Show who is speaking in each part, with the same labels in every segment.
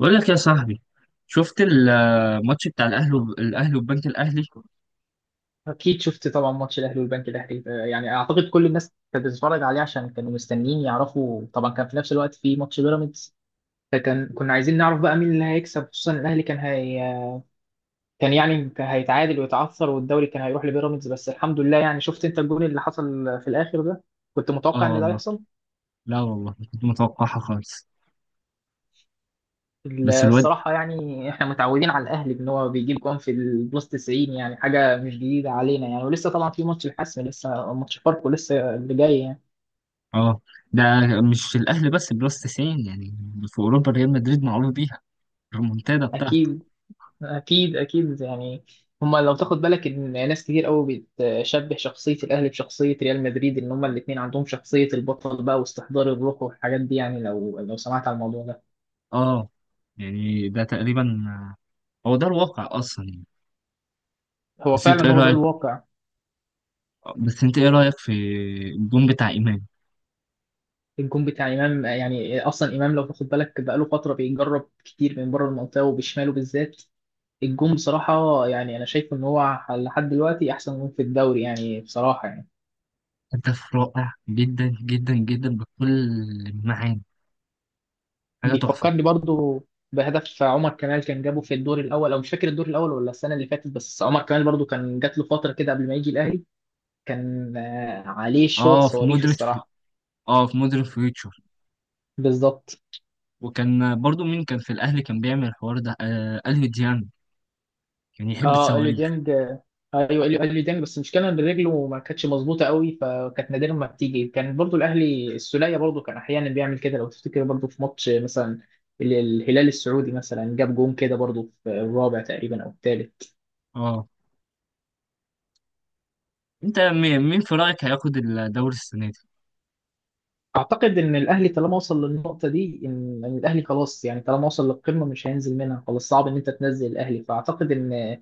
Speaker 1: بقول لك يا صاحبي، شفت الماتش بتاع الاهلي وب... الاهلي والبنك الاهلي.
Speaker 2: اكيد شفت طبعا ماتش الاهلي والبنك الاهلي يعني اعتقد كل الناس كانت بتتفرج عليه عشان كانوا مستنيين يعرفوا، طبعا كان في نفس الوقت في ماتش بيراميدز، فكان كنا عايزين نعرف بقى مين اللي هيكسب، خصوصا الاهلي كان كان يعني كان هيتعادل ويتعثر والدوري كان هيروح لبيراميدز، بس الحمد لله يعني شفت انت الجون اللي حصل في الاخر ده. كنت متوقع
Speaker 1: اه
Speaker 2: ان ده
Speaker 1: والله،
Speaker 2: يحصل.
Speaker 1: لا والله ما كنت متوقعها خالص. بس الواد،
Speaker 2: الصراحة يعني احنا متعودين على الاهلي ان هو بيجيب جون في البلس 90، يعني حاجة مش جديدة علينا يعني، ولسه طبعا في ماتش الحسم، لسه ماتش فاركو لسه اللي جاي يعني.
Speaker 1: اه، ده مش الاهلي بس، بلس 90 يعني. في اوروبا، ريال مدريد معروف بيها الريمونتادا بتاعته.
Speaker 2: أكيد. اكيد يعني، هما لو تاخد بالك ان ناس كتير قوي بتشبه شخصيه الاهلي بشخصيه ريال مدريد، ان هما الاثنين عندهم شخصيه البطل بقى واستحضار الروح والحاجات دي يعني، لو سمعت على الموضوع ده.
Speaker 1: اه، يعني ده تقريبا هو ده الواقع اصلا يعني.
Speaker 2: هو
Speaker 1: بس انت ايه
Speaker 2: فعلا هو ده
Speaker 1: رايك
Speaker 2: الواقع.
Speaker 1: بس انت ايه رايك في الجون بتاع امام؟
Speaker 2: الجون بتاع امام يعني، اصلا امام لو تاخد بالك بقاله فتره بيجرب كتير من بره المنطقه وبشماله بالذات. الجون بصراحه يعني انا شايف ان هو لحد دلوقتي احسن جون في الدوري يعني، بصراحه يعني.
Speaker 1: هدف رائع جدا جدا جدا بكل المعاني، حاجه تحفه.
Speaker 2: بيفكرني برضو بهدف عمر كمال، كان جابه في الدور الاول، او مش فاكر الدور الاول ولا السنه اللي فاتت، بس عمر كمال برضو كان جات له فتره كده قبل ما يجي الاهلي، كان عليه شوط
Speaker 1: اه، في
Speaker 2: صواريخ
Speaker 1: مودريتش.
Speaker 2: الصراحه.
Speaker 1: اه، في مودريتش.
Speaker 2: بالظبط.
Speaker 1: وكان برضو، مين كان في الاهلي كان بيعمل الحوار ده؟ الف ديان. كان يحب
Speaker 2: اه اليو
Speaker 1: الصواريخ.
Speaker 2: ديانج. ايوه اليو ديانج، بس المشكله ان رجله ما كانتش مظبوطه قوي فكانت نادرا ما بتيجي. كان برضو الاهلي السوليه برضو كان احيانا بيعمل كده، لو تفتكر برضو في ماتش مثلا الهلال السعودي مثلا جاب جون كده برضو في الرابع تقريبا او الثالث.
Speaker 1: اه. انت مين في رايك هياخد الدوري السنه دي؟
Speaker 2: اعتقد ان الاهلي طالما وصل للنقطه دي، ان الاهلي خلاص يعني، طالما وصل للقمه مش هينزل منها خلاص، صعب ان انت تنزل الاهلي، فاعتقد ان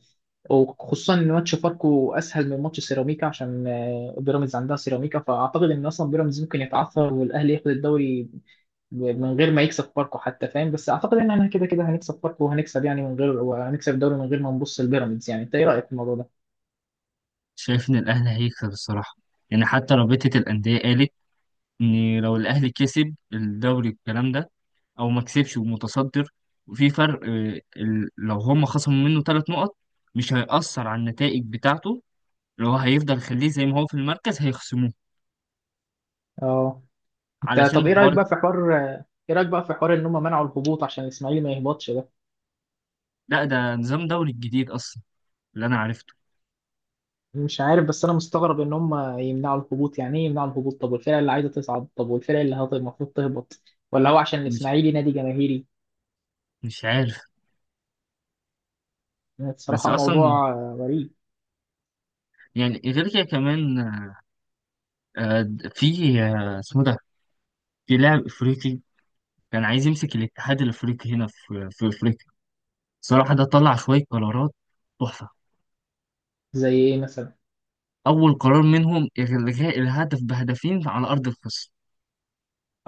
Speaker 2: وخصوصا ان ماتش فاركو اسهل من ماتش سيراميكا، عشان بيراميدز عندها سيراميكا، فاعتقد ان اصلا بيراميدز ممكن يتعثر والاهلي ياخد الدوري من غير ما يكسب فاركو حتى، فاهم؟ بس اعتقد ان احنا كده كده هنكسب فاركو وهنكسب يعني من غير، وهنكسب الدوري من غير ما نبص لبيراميدز يعني. انت ايه رايك في الموضوع ده؟
Speaker 1: شايف ان الاهلي هيكسب الصراحه، يعني حتى رابطه الانديه قالت ان لو الاهلي كسب الدوري والكلام ده، او ما كسبش ومتصدر، وفي فرق، لو هم خصموا منه 3 نقط، مش هيأثر على النتائج بتاعته. لو هو هيفضل يخليه زي ما هو في المركز، هيخصموه
Speaker 2: اه. انت
Speaker 1: علشان
Speaker 2: طب ايه
Speaker 1: حوار.
Speaker 2: رايك بقى في حوار، ايه رايك بقى في حوار ان هم منعوا الهبوط عشان الاسماعيلي ما يهبطش ده؟
Speaker 1: لا، ده نظام دوري الجديد اصلا اللي انا عرفته.
Speaker 2: مش عارف، بس انا مستغرب ان هم يمنعوا الهبوط. يعني ايه يمنعوا الهبوط؟ طب والفرق اللي عايزه تصعد؟ طب والفرق اللي المفروض تهبط؟ ولا هو عشان الاسماعيلي نادي جماهيري؟
Speaker 1: مش عارف. بس
Speaker 2: بصراحه موضوع
Speaker 1: اصلا
Speaker 2: غريب.
Speaker 1: يعني، غير كده كمان، آه، في آه، اسمه ده في لاعب افريقي كان عايز يمسك الاتحاد الافريقي، هنا في افريقيا. صراحه، ده طلع شويه قرارات تحفه.
Speaker 2: زي ايه مثلا؟
Speaker 1: اول قرار منهم الغاء الهدف بهدفين على ارض الخصم.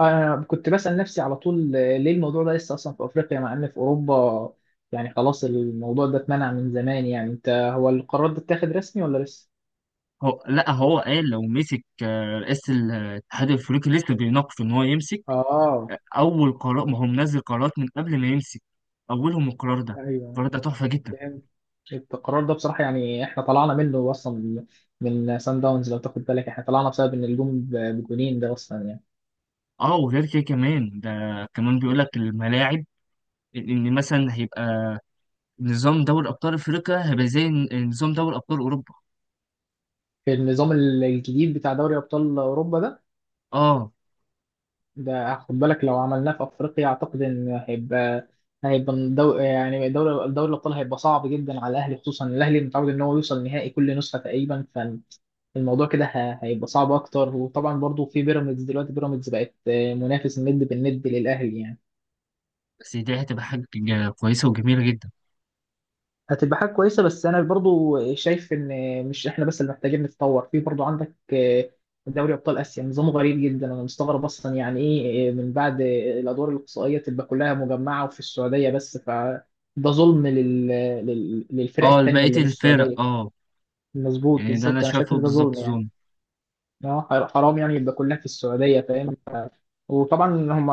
Speaker 2: انا كنت بسال نفسي على طول، ليه الموضوع ده لسه اصلا في افريقيا مع ان في اوروبا، يعني خلاص الموضوع ده اتمنع من زمان يعني. انت هو القرار ده اتاخد رسمي ولا لسه؟
Speaker 1: هو، لا، هو قال لو مسك رئيس الاتحاد الافريقي لسه بيناقش ان هو يمسك.
Speaker 2: اه.
Speaker 1: اول قرار، ما هو منزل قرارات من قبل ما يمسك، اولهم القرار ده.
Speaker 2: ايوه.
Speaker 1: القرار ده تحفه جدا.
Speaker 2: القرار ده بصراحة يعني احنا طلعنا منه اصلا من من سان داونز، لو تاخد بالك احنا طلعنا بسبب ان الجون بجونين ده اصلا يعني.
Speaker 1: اه، وغير كده كمان، ده كمان بيقول لك الملاعب، لان مثلا هيبقى نظام دوري ابطال افريقيا هيبقى زي نظام دوري ابطال اوروبا.
Speaker 2: في النظام الجديد بتاع دوري ابطال اوروبا ده،
Speaker 1: اه،
Speaker 2: ده خد بالك لو عملناه في افريقيا اعتقد ان هيبقى، هيبقى دو يعني دوري دوري الابطال هيبقى صعب جدا على الاهلي، خصوصا الاهلي متعود ان هو يوصل نهائي كل نسخة تقريبا، فالموضوع كده هيبقى صعب اكتر. وطبعا برضو في بيراميدز دلوقتي، بيراميدز بقت منافس الند بالند للاهلي يعني.
Speaker 1: بس دي هتبقى حاجه كويسه وجميله جدا.
Speaker 2: هتبقى حاجة كويسة، بس أنا برضو شايف إن مش إحنا بس اللي محتاجين نتطور، في برضو عندك دوري أبطال آسيا نظامه غريب جدا. أنا مستغرب أصلا، يعني إيه، من بعد الأدوار الإقصائية تبقى كلها مجمعة وفي السعودية بس؟ فده ظلم للفرق
Speaker 1: اه،
Speaker 2: التانية
Speaker 1: بقيه
Speaker 2: اللي مش
Speaker 1: الفرق،
Speaker 2: سعودية.
Speaker 1: اه.
Speaker 2: مظبوط،
Speaker 1: يعني ده، انا
Speaker 2: بالظبط. أنا شايف
Speaker 1: شايفه
Speaker 2: إن ده
Speaker 1: بالظبط
Speaker 2: ظلم يعني.
Speaker 1: ظلم.
Speaker 2: اه حرام يعني يبقى كلها في السعوديه، فاهم؟ وطبعا هم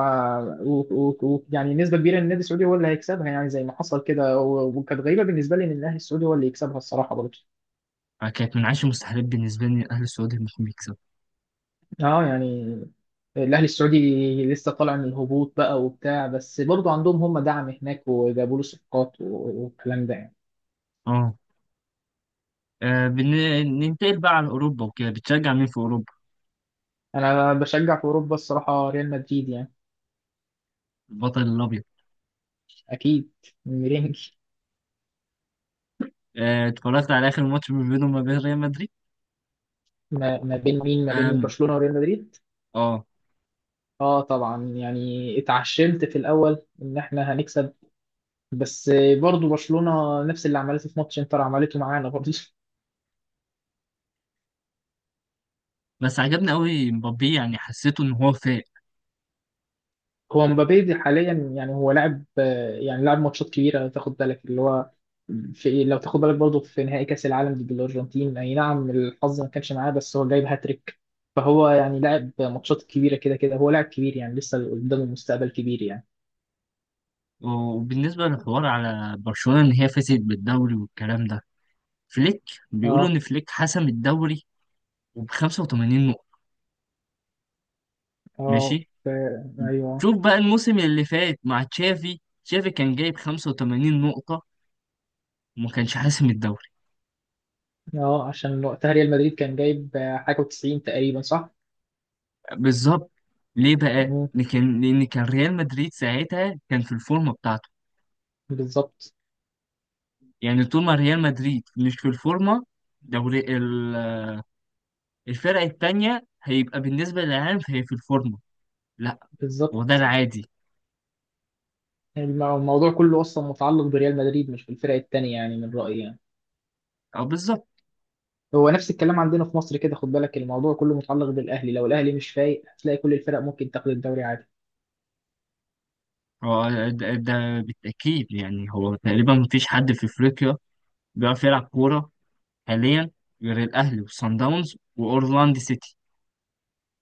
Speaker 2: يعني نسبه كبيره ان النادي السعودي هو اللي هيكسبها، يعني زي ما حصل كده. وكانت غريبه بالنسبه لي ان الاهلي السعودي هو اللي يكسبها الصراحه برضه.
Speaker 1: آه، كانت من عشر مستحيلات بالنسبه لي الاهلي السعودي انهم يكسبوا.
Speaker 2: اه يعني الاهلي السعودي لسه طالع من الهبوط بقى وبتاع، بس برضه عندهم هم دعم هناك وجابوا له صفقات والكلام ده يعني.
Speaker 1: اه. آه، بن- ننتقل بقى على اوروبا وكده، بتشجع مين في اوروبا؟
Speaker 2: انا بشجع في اوروبا الصراحه ريال مدريد يعني.
Speaker 1: البطل الابيض.
Speaker 2: اكيد. مرنج.
Speaker 1: اتفرجت على اخر ماتش ما بينهم وما بين ريال مدريد.
Speaker 2: ما ما بين مين ما بين
Speaker 1: آم،
Speaker 2: برشلونه وريال مدريد؟
Speaker 1: اه.
Speaker 2: اه طبعا يعني اتعشمت في الاول ان احنا هنكسب، بس برضو برشلونة نفس اللي عملته في ماتش انتر عملته معانا برضو.
Speaker 1: بس عجبني قوي مبابي، يعني حسيته ان هو فايق.
Speaker 2: هو مبابي دي حاليا يعني هو لاعب، يعني لاعب ماتشات كبيرة لو تاخد بالك، اللي هو في لو تاخد بالك برضو في نهائي كأس العالم ضد الأرجنتين، أي نعم الحظ ما كانش معاه، بس هو جايب هاتريك. فهو يعني لاعب ماتشات كبيرة، كده كده هو لاعب كبير يعني، لسه قدامه مستقبل كبير يعني.
Speaker 1: وبالنسبة للحوار على برشلونة إن هي فازت بالدوري والكلام ده، فليك، بيقولوا
Speaker 2: اه.
Speaker 1: إن فليك حسم الدوري، وب 85 نقطة.
Speaker 2: اه
Speaker 1: ماشي.
Speaker 2: ايوه.
Speaker 1: شوف بقى، الموسم اللي فات مع تشافي، كان جايب 85 نقطة وما كانش حاسم الدوري.
Speaker 2: اه عشان وقتها ريال مدريد كان جايب حاجة وتسعين تقريبا، صح؟
Speaker 1: بالظبط. ليه بقى؟
Speaker 2: مم.
Speaker 1: لأن كان ريال مدريد ساعتها كان في الفورمة بتاعته.
Speaker 2: بالظبط.
Speaker 1: يعني طول ما ريال مدريد مش في الفورمة، دوري الفرق التانية هيبقى بالنسبة للعالم هي في الفورمة. لا. وده
Speaker 2: بالظبط.
Speaker 1: العادي.
Speaker 2: الموضوع كله أصلا متعلق بريال مدريد مش بالفرق التانية يعني، من رأيي يعني.
Speaker 1: أو بالظبط.
Speaker 2: هو نفس الكلام عندنا في مصر كده، خد بالك الموضوع كله متعلق بالأهلي، لو الأهلي مش فايق هتلاقي كل الفرق ممكن تاخد الدوري عادي.
Speaker 1: هو ده, بالتأكيد، يعني هو تقريبا مفيش حد في أفريقيا بيعرف يلعب كورة حاليا، غير الأهلي وصن داونز وأورلاندو سيتي.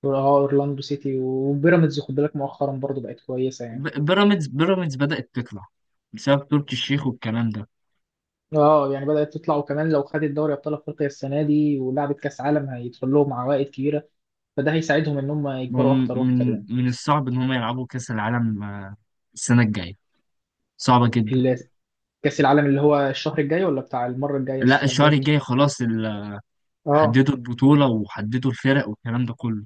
Speaker 2: اه أورلاندو سيتي وبيراميدز خد بالك مؤخرا برضه بقت كويسة يعني.
Speaker 1: بيراميدز بدأت تطلع بسبب تركي الشيخ والكلام ده.
Speaker 2: اه يعني بدأت تطلع، وكمان لو خدت دوري أبطال أفريقيا السنة دي ولعبت كأس عالم هيدخل لهم عوائد كبيرة، فده هيساعدهم إن هم يكبروا
Speaker 1: هم،
Speaker 2: أكتر وأكتر
Speaker 1: من
Speaker 2: يعني.
Speaker 1: من الصعب إن هم يلعبوا كأس العالم السنة الجاية، صعبة جدا.
Speaker 2: ال- كأس العالم اللي هو الشهر الجاي، ولا بتاع المرة الجاية
Speaker 1: لا،
Speaker 2: السنة
Speaker 1: الشهر
Speaker 2: الجاية؟
Speaker 1: الجاي خلاص،
Speaker 2: اه.
Speaker 1: حددوا البطولة وحددوا الفرق والكلام ده كله.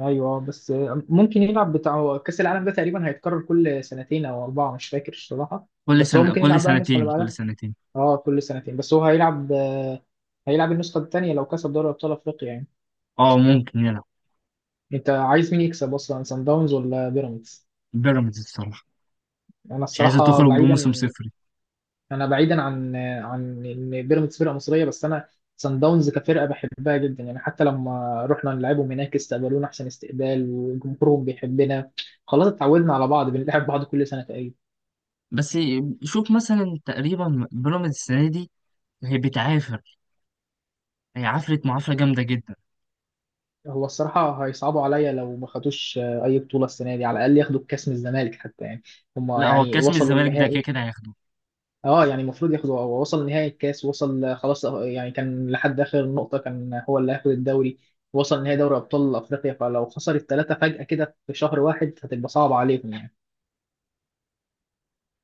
Speaker 2: ايوه بس، ممكن يلعب بتاع، هو كأس العالم ده تقريبا هيتكرر كل سنتين او اربعة مش فاكر الصراحة.
Speaker 1: كل
Speaker 2: بس هو
Speaker 1: سنة،
Speaker 2: ممكن
Speaker 1: كل
Speaker 2: يلعب بقى النسخة
Speaker 1: سنتين،
Speaker 2: اللي
Speaker 1: كل
Speaker 2: بعدها.
Speaker 1: سنتين.
Speaker 2: اه كل سنتين، بس هو هيلعب، هيلعب النسخة التانية لو كسب دوري ابطال افريقيا يعني.
Speaker 1: اه، ممكن يلعب.
Speaker 2: انت عايز مين يكسب اصلا، سان داونز ولا بيراميدز؟
Speaker 1: بيراميدز، الصراحة،
Speaker 2: انا
Speaker 1: مش عايزة
Speaker 2: الصراحة
Speaker 1: تخرج بموسم
Speaker 2: بعيدا،
Speaker 1: صفر.
Speaker 2: انا بعيدا عن عن ان بيراميدز فرقه مصريه، بس انا سان داونز كفرقه بحبها جدا يعني، حتى لما رحنا نلعبهم هناك استقبلونا احسن استقبال وجمهورهم بيحبنا، خلاص اتعودنا على بعض بنلعب بعض كل سنه تقريبا.
Speaker 1: بس شوف مثلا، تقريبا بيراميدز السنه دي هي بتعافر، هي عفرت معافره جامده جدا.
Speaker 2: هو الصراحه هيصعبوا عليا لو ما خدوش اي بطوله السنه دي، على الاقل ياخدوا الكاس من الزمالك حتى يعني، هم
Speaker 1: لا، هو
Speaker 2: يعني
Speaker 1: الكاس من
Speaker 2: وصلوا
Speaker 1: الزمالك ده،
Speaker 2: النهائي.
Speaker 1: كده كده هياخده.
Speaker 2: اه يعني المفروض ياخده، هو وصل نهائي الكاس، وصل خلاص يعني، كان لحد اخر نقطه كان هو اللي هياخد الدوري، وصل نهائي دوري ابطال افريقيا، فلو خسر الثلاثه فجاه كده في شهر واحد هتبقى صعبه عليهم يعني.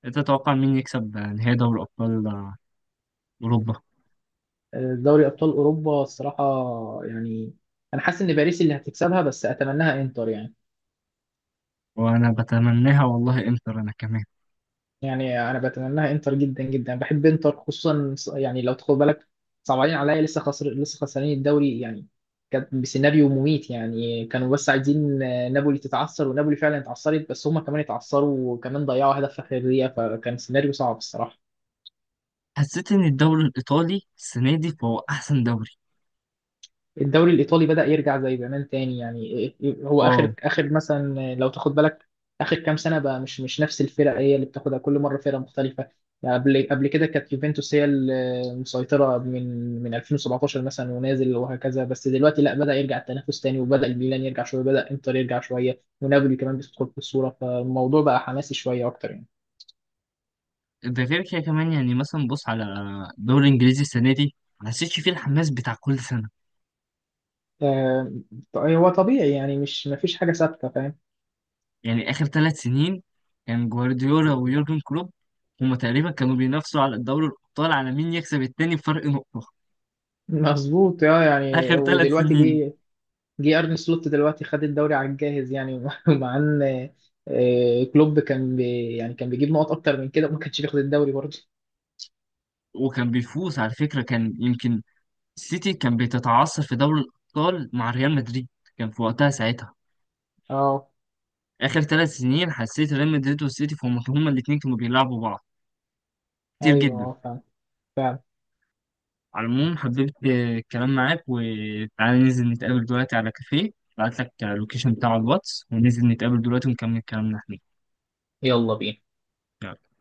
Speaker 1: انت تتوقع مين يكسب نهائي دوري ابطال اوروبا؟
Speaker 2: دوري ابطال اوروبا الصراحه يعني، انا حاسس ان باريس اللي هتكسبها، بس اتمناها انتر يعني.
Speaker 1: وانا بتمناها والله، انتر، انا كمان.
Speaker 2: يعني انا بتمناها انتر جدا جدا، بحب انتر خصوصا يعني لو تاخد بالك صعبانين عليا، لسه خسر، لسه خسرانين الدوري يعني، كانت بسيناريو مميت يعني، كانوا بس عايزين نابولي تتعثر، ونابولي فعلا اتعثرت، بس هما كمان اتعثروا وكمان ضيعوا هدف في اخر دقيقه، فكان سيناريو صعب الصراحه.
Speaker 1: حسيت ان الدوري الايطالي السنه دي فهو احسن دوري.
Speaker 2: الدوري الإيطالي بدأ يرجع زي زمان تاني يعني. هو
Speaker 1: اه،
Speaker 2: آخر مثلا لو تاخد بالك آخر كام سنة بقى، مش نفس الفرق هي اللي بتاخدها، كل مرة فرقة مختلفة يعني. قبل كده كانت يوفنتوس هي المسيطرة من من 2017 مثلا ونازل وهكذا، بس دلوقتي لا، بدأ يرجع التنافس تاني، وبدأ الميلان يرجع شوية، بدأ إنتر يرجع شوية، ونابولي كمان بتدخل في الصورة، فالموضوع بقى حماسي شوية أكتر يعني.
Speaker 1: ده غير كده كمان، يعني مثلا بص على الدوري الانجليزي السنه دي، ما حسيتش فيه الحماس بتاع كل سنه.
Speaker 2: آه، هو طبيعي يعني، مش مفيش حاجة ثابتة فاهم.
Speaker 1: يعني آخر 3 سنين، كان جوارديولا ويورجن كلوب، هما تقريبا كانوا بينافسوا على الدوري الأبطال، على مين يكسب التاني بفرق نقطة.
Speaker 2: مظبوط. اه يعني
Speaker 1: آخر ثلاث
Speaker 2: ودلوقتي
Speaker 1: سنين
Speaker 2: جه، جه ارن سلوت دلوقتي خد الدوري على الجاهز يعني. مع ان، كلوب كان بي يعني كان بيجيب نقط اكتر من كده وما كانش بياخد الدوري برضه.
Speaker 1: وكان بيفوز على فكرة، كان يمكن السيتي كان بتتعثر في دوري الأبطال مع ريال مدريد، كان في وقتها ساعتها.
Speaker 2: اه.
Speaker 1: آخر 3 سنين، حسيت ريال مدريد والسيتي فهم هما الاتنين كانوا بيلعبوا بعض كتير
Speaker 2: ايوه.
Speaker 1: جدا.
Speaker 2: اه فعلا. فعلا.
Speaker 1: على العموم، حبيت الكلام معاك، وتعالى ننزل نتقابل دلوقتي على كافيه. بعت لك اللوكيشن بتاع الواتس، وننزل نتقابل دلوقتي ونكمل كلامنا هناك.
Speaker 2: يلا بينا.
Speaker 1: يلا.